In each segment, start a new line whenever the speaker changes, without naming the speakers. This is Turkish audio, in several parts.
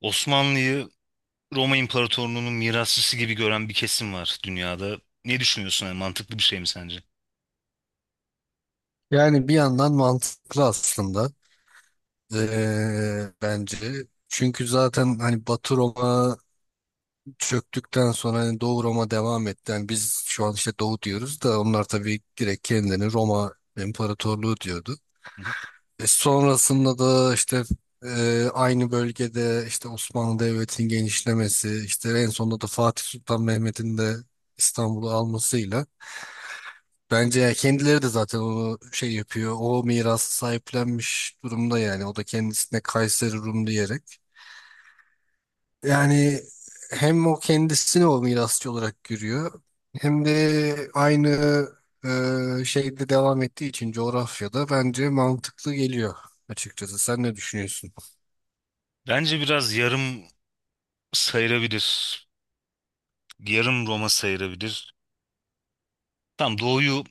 Osmanlı'yı Roma İmparatorluğu'nun mirasçısı gibi gören bir kesim var dünyada. Ne düşünüyorsun? Yani mantıklı bir şey mi sence?
Yani bir yandan mantıklı aslında. Bence. Çünkü zaten hani Batı Roma çöktükten sonra hani Doğu Roma devam etti. Yani biz şu an işte Doğu diyoruz da onlar tabii direkt kendilerini Roma İmparatorluğu diyordu. Sonrasında da işte aynı bölgede, işte Osmanlı Devleti'nin genişlemesi, işte en sonunda da Fatih Sultan Mehmet'in de İstanbul'u almasıyla. Bence ya kendileri de zaten onu şey yapıyor. O mirası sahiplenmiş durumda yani. O da kendisine Kayseri Rum diyerek. Yani hem o kendisini o mirasçı olarak görüyor. Hem de aynı şeyde devam ettiği için, coğrafyada bence mantıklı geliyor açıkçası. Sen ne düşünüyorsun?
Bence biraz yarım sayılabilir. Yarım Roma sayılabilir. Tam doğuyu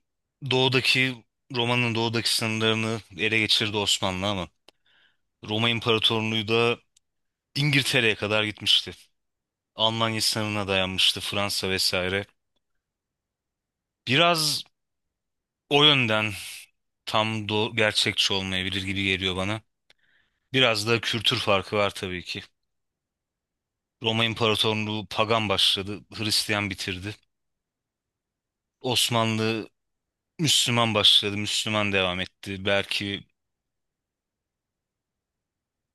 doğudaki Roma'nın doğudaki sınırlarını ele geçirdi Osmanlı ama Roma İmparatorluğu da İngiltere'ye kadar gitmişti. Almanya sınırına dayanmıştı Fransa vesaire. Biraz o yönden tam gerçekçi olmayabilir gibi geliyor bana. Biraz da kültür farkı var tabii ki. Roma İmparatorluğu pagan başladı, Hristiyan bitirdi. Osmanlı Müslüman başladı, Müslüman devam etti. Belki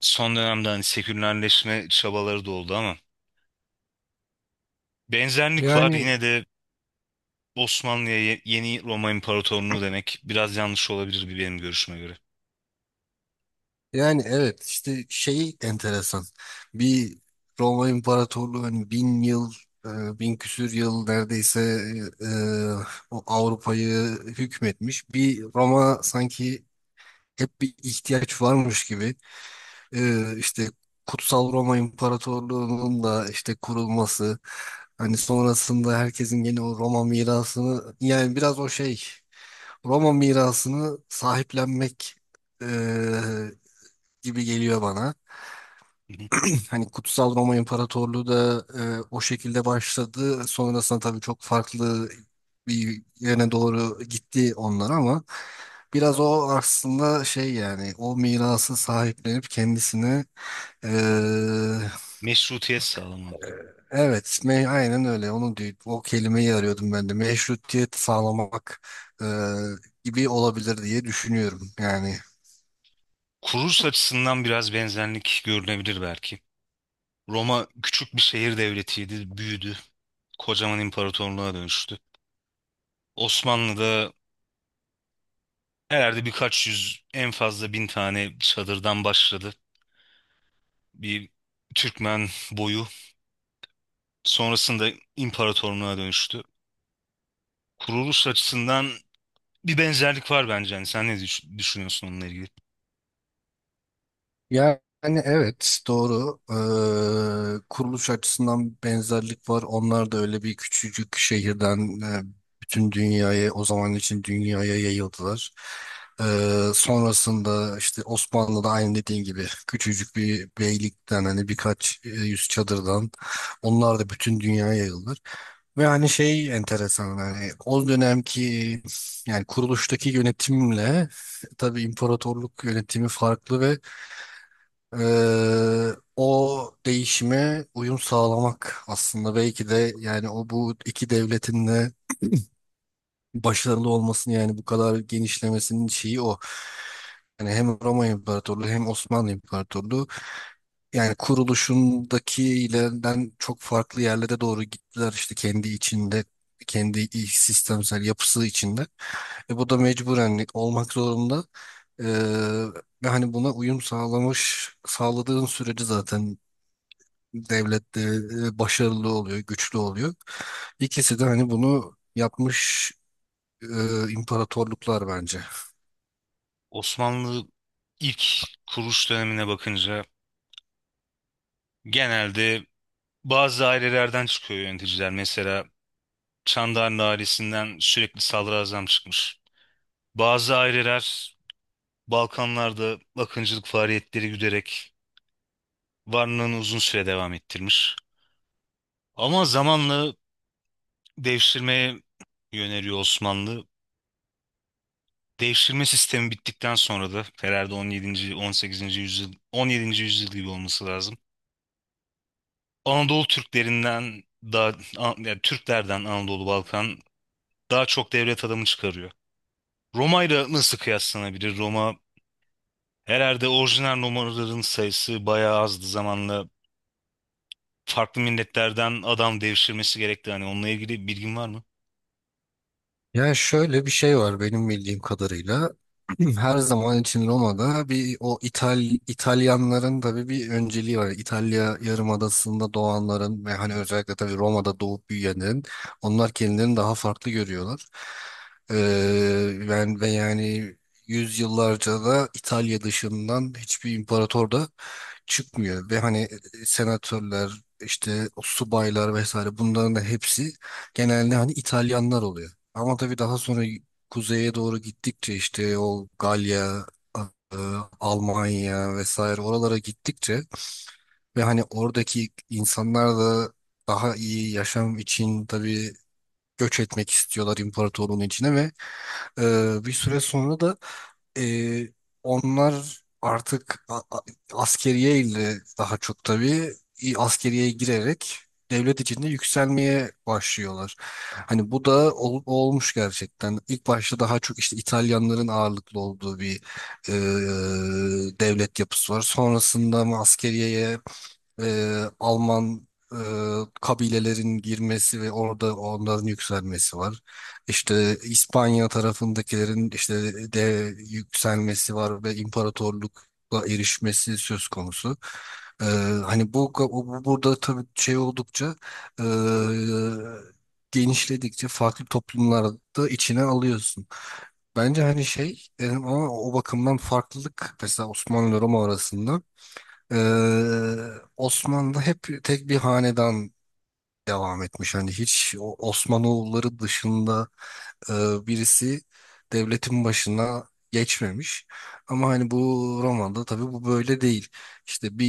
son dönemde hani sekülerleşme çabaları da oldu ama benzerlik var.
Yani
Yine de Osmanlı'ya yeni Roma İmparatorluğu demek biraz yanlış olabilir bir benim görüşüme göre.
Yani evet, işte şey enteresan. Bir Roma İmparatorluğu hani bin yıl, bin küsür yıl neredeyse, e, o Avrupa'yı hükmetmiş. Bir Roma sanki hep bir ihtiyaç varmış gibi, işte Kutsal Roma İmparatorluğu'nun da işte kurulması, hani sonrasında herkesin gene o Roma mirasını, yani biraz o şey, Roma mirasını sahiplenmek e, gibi geliyor bana.
Hı hı.
Hani Kutsal Roma İmparatorluğu da o şekilde başladı. Sonrasında tabii çok farklı bir yöne doğru gitti onlar, ama biraz o aslında şey yani, o mirası sahiplenip kendisine. e,
Meşrutiyet sağlamak gibi.
Evet, aynen öyle. Onu diyor, o kelimeyi arıyordum ben de. Meşrutiyet sağlamak e, gibi olabilir diye düşünüyorum. Yani
Kuruluş açısından biraz benzerlik görülebilir belki. Roma küçük bir şehir devletiydi, büyüdü. Kocaman imparatorluğa dönüştü. Osmanlı'da herhalde birkaç yüz en fazla bin tane çadırdan başladı. Bir Türkmen boyu sonrasında imparatorluğa dönüştü. Kuruluş açısından bir benzerlik var bence. Yani sen ne düşünüyorsun onunla ilgili?
Yani evet, doğru. Kuruluş açısından benzerlik var. Onlar da öyle bir küçücük şehirden, bütün dünyaya, o zaman için dünyaya, yayıldılar. Sonrasında işte Osmanlı'da, aynı dediğin gibi, küçücük bir beylikten hani birkaç yüz çadırdan onlar da bütün dünyaya yayıldılar. Ve hani şey enteresan, hani o dönemki, yani kuruluştaki yönetimle tabii imparatorluk yönetimi farklı ve ee, o değişime uyum sağlamak aslında belki de, yani o bu iki devletin de başarılı olmasını, yani bu kadar genişlemesinin şeyi o. Yani hem Roma İmparatorluğu hem Osmanlı İmparatorluğu, yani kuruluşundakilerinden çok farklı yerlere doğru gittiler, işte kendi içinde, kendi iç sistemsel yapısı içinde. Bu da mecburen olmak zorunda. Ee, ve hani buna uyum sağladığın sürece zaten devlette başarılı oluyor, güçlü oluyor. İkisi de hani bunu yapmış imparatorluklar, bence.
Osmanlı ilk kuruluş dönemine bakınca genelde bazı ailelerden çıkıyor yöneticiler. Mesela Çandarlı ailesinden sürekli sadrazam çıkmış. Bazı aileler Balkanlarda akıncılık faaliyetleri güderek varlığını uzun süre devam ettirmiş. Ama zamanla devşirmeye yöneliyor Osmanlı. Devşirme sistemi bittikten sonra da herhalde 17. yüzyıl gibi olması lazım. Anadolu Türklerinden daha An- Yani Türklerden Anadolu Balkan daha çok devlet adamı çıkarıyor. Roma ile nasıl kıyaslanabilir? Roma herhalde orijinal Romalıların sayısı bayağı azdı zamanla. Farklı milletlerden adam devşirmesi gerekti. Hani onunla ilgili bilgin var mı?
Yani şöyle bir şey var benim bildiğim kadarıyla. Her zaman için Roma'da bir, o İtalyanların tabii bir önceliği var. İtalya Yarımadası'nda doğanların ve hani özellikle tabii Roma'da doğup büyüyenlerin, onlar kendilerini daha farklı görüyorlar. Ee, yani ve yani yüzyıllarca da İtalya dışından hiçbir imparator da çıkmıyor ve hani, senatörler, işte o subaylar vesaire, bunların da hepsi genelde hani İtalyanlar oluyor. Ama tabii daha sonra kuzeye doğru gittikçe işte o Galya, e, Almanya vesaire, oralara gittikçe ve hani oradaki insanlar da daha iyi yaşam için tabii göç etmek istiyorlar imparatorluğun içine ve e, bir süre sonra da ee, onlar artık askeriye ile, daha çok tabii askeriyeye girerek devlet içinde yükselmeye başlıyorlar. Hani bu da olmuş gerçekten. İlk başta daha çok işte İtalyanların ağırlıklı olduğu bir e, devlet yapısı var. Sonrasında mı askeriyeye Alman e, kabilelerin girmesi ve orada onların yükselmesi var. İşte İspanya tarafındakilerin işte de yükselmesi var ve imparatorlukla erişmesi söz konusu. E, hani bu burada tabii şey, oldukça e, genişledikçe farklı toplumlarda da içine alıyorsun. Bence hani şey, ama o bakımdan farklılık mesela Osmanlı ile Roma arasında, ee, Osmanlı hep tek bir hanedan devam etmiş. Hani hiç Osmanoğulları dışında e, birisi devletin başına geçmemiş. Ama hani bu, romanda tabii, bu böyle değil. İşte bir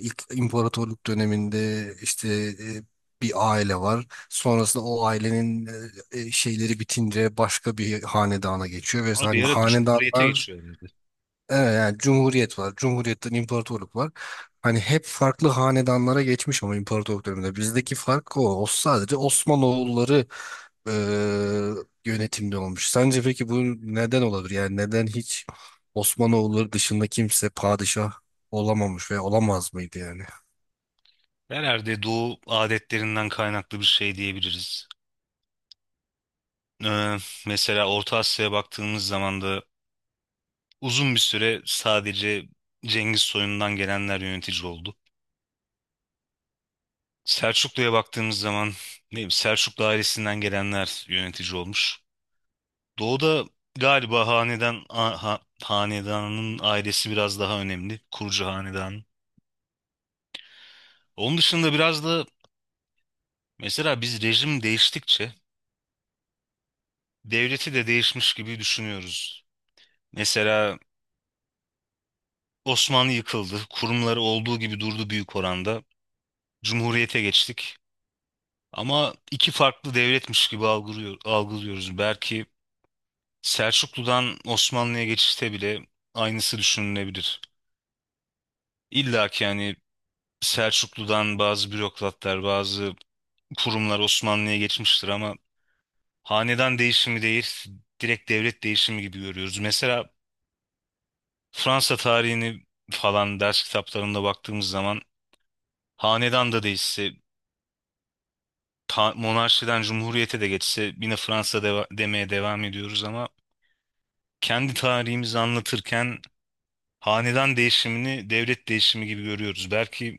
ilk imparatorluk döneminde işte e, bir aile var. Sonrasında o ailenin şeyleri bitince başka bir hanedana geçiyor ve
Ama
hani
bir ara Cumhuriyet'e
hanedanlar.
geçiyorlardı.
Evet, yani cumhuriyet var. Cumhuriyetten imparatorluk var. Hani hep farklı hanedanlara geçmiş, ama imparatorluk döneminde. Bizdeki fark o. O sadece Osmanoğulları e, yönetimde olmuş. Sence peki bu neden olabilir? Yani neden hiç Osmanoğulları dışında kimse padişah olamamış ve olamaz mıydı yani?
Herhalde Doğu adetlerinden kaynaklı bir şey diyebiliriz. Ee, mesela Orta Asya'ya baktığımız zaman da uzun bir süre sadece Cengiz soyundan gelenler yönetici oldu. Selçuklu'ya baktığımız zaman ne bileyim, Selçuklu ailesinden gelenler yönetici olmuş. Doğu'da galiba hanedanın ailesi biraz daha önemli. Kurucu hanedanın. Onun dışında biraz da mesela biz rejim değiştikçe devleti de değişmiş gibi düşünüyoruz. Mesela Osmanlı yıkıldı, kurumları olduğu gibi durdu büyük oranda. Cumhuriyete geçtik. Ama iki farklı devletmiş gibi algılıyoruz. Belki Selçuklu'dan Osmanlı'ya geçişte bile aynısı düşünülebilir. İlla ki yani Selçuklu'dan bazı bürokratlar, bazı kurumlar Osmanlı'ya geçmiştir ama hanedan değişimi değil, direkt devlet değişimi gibi görüyoruz. Mesela Fransa tarihini falan ders kitaplarında baktığımız zaman hanedan da değişse, monarşiden cumhuriyete de geçse yine Fransa demeye devam ediyoruz ama kendi tarihimizi anlatırken hanedan değişimini devlet değişimi gibi görüyoruz. Belki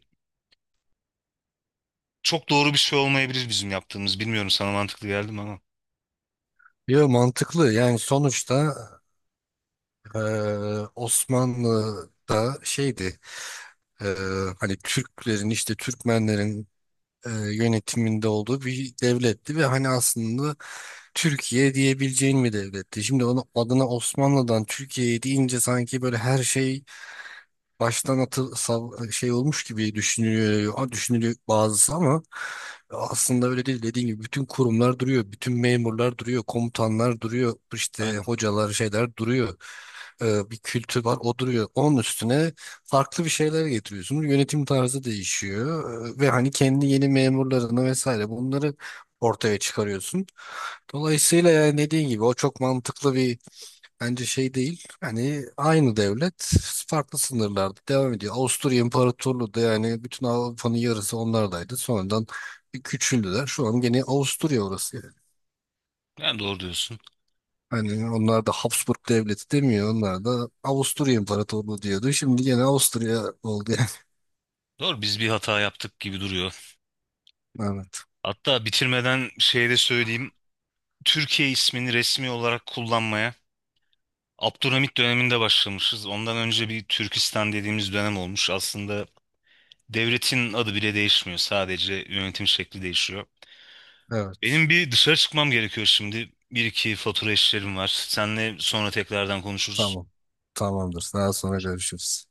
çok doğru bir şey olmayabilir bizim yaptığımız. Bilmiyorum sana mantıklı geldi mi ama.
Yo, mantıklı. Yani sonuçta e, Osmanlı'da şeydi, e, hani Türklerin, işte Türkmenlerin yönetiminde olduğu bir devletti ve hani aslında Türkiye diyebileceğin bir devletti. Şimdi onu adına Osmanlı'dan Türkiye'ye deyince sanki böyle her şey baştan şey olmuş gibi düşünülüyor bazısı, ama aslında öyle değil. Dediğim gibi bütün kurumlar duruyor, bütün memurlar duruyor, komutanlar duruyor, işte
Aynen.
hocalar, şeyler duruyor. Bir kültür var, o duruyor. Onun üstüne farklı bir şeyler getiriyorsunuz. Yönetim tarzı değişiyor. Ve hani kendi yeni memurlarını vesaire, bunları ortaya çıkarıyorsun. Dolayısıyla yani dediğin gibi o çok mantıklı bir, bence, şey değil. Hani aynı devlet farklı sınırlarda devam ediyor. Avusturya İmparatorluğu da yani, bütün Avrupa'nın yarısı onlardaydı. Sonradan bir küçüldüler. Şu an gene Avusturya orası yani.
Yani doğru diyorsun.
Hani onlar da Habsburg Devleti demiyor. Onlar da Avusturya İmparatorluğu diyordu. Şimdi gene Avusturya oldu yani.
Doğru biz bir hata yaptık gibi duruyor.
Evet.
Hatta bitirmeden şey de söyleyeyim. Türkiye ismini resmi olarak kullanmaya Abdülhamit döneminde başlamışız. Ondan önce bir Türkistan dediğimiz dönem olmuş. Aslında devletin adı bile değişmiyor. Sadece yönetim şekli değişiyor.
Evet.
Benim bir dışarı çıkmam gerekiyor şimdi. Bir iki fatura işlerim var. Senle sonra tekrardan konuşuruz.
Tamam. Tamamdır. Daha sonra görüşürüz.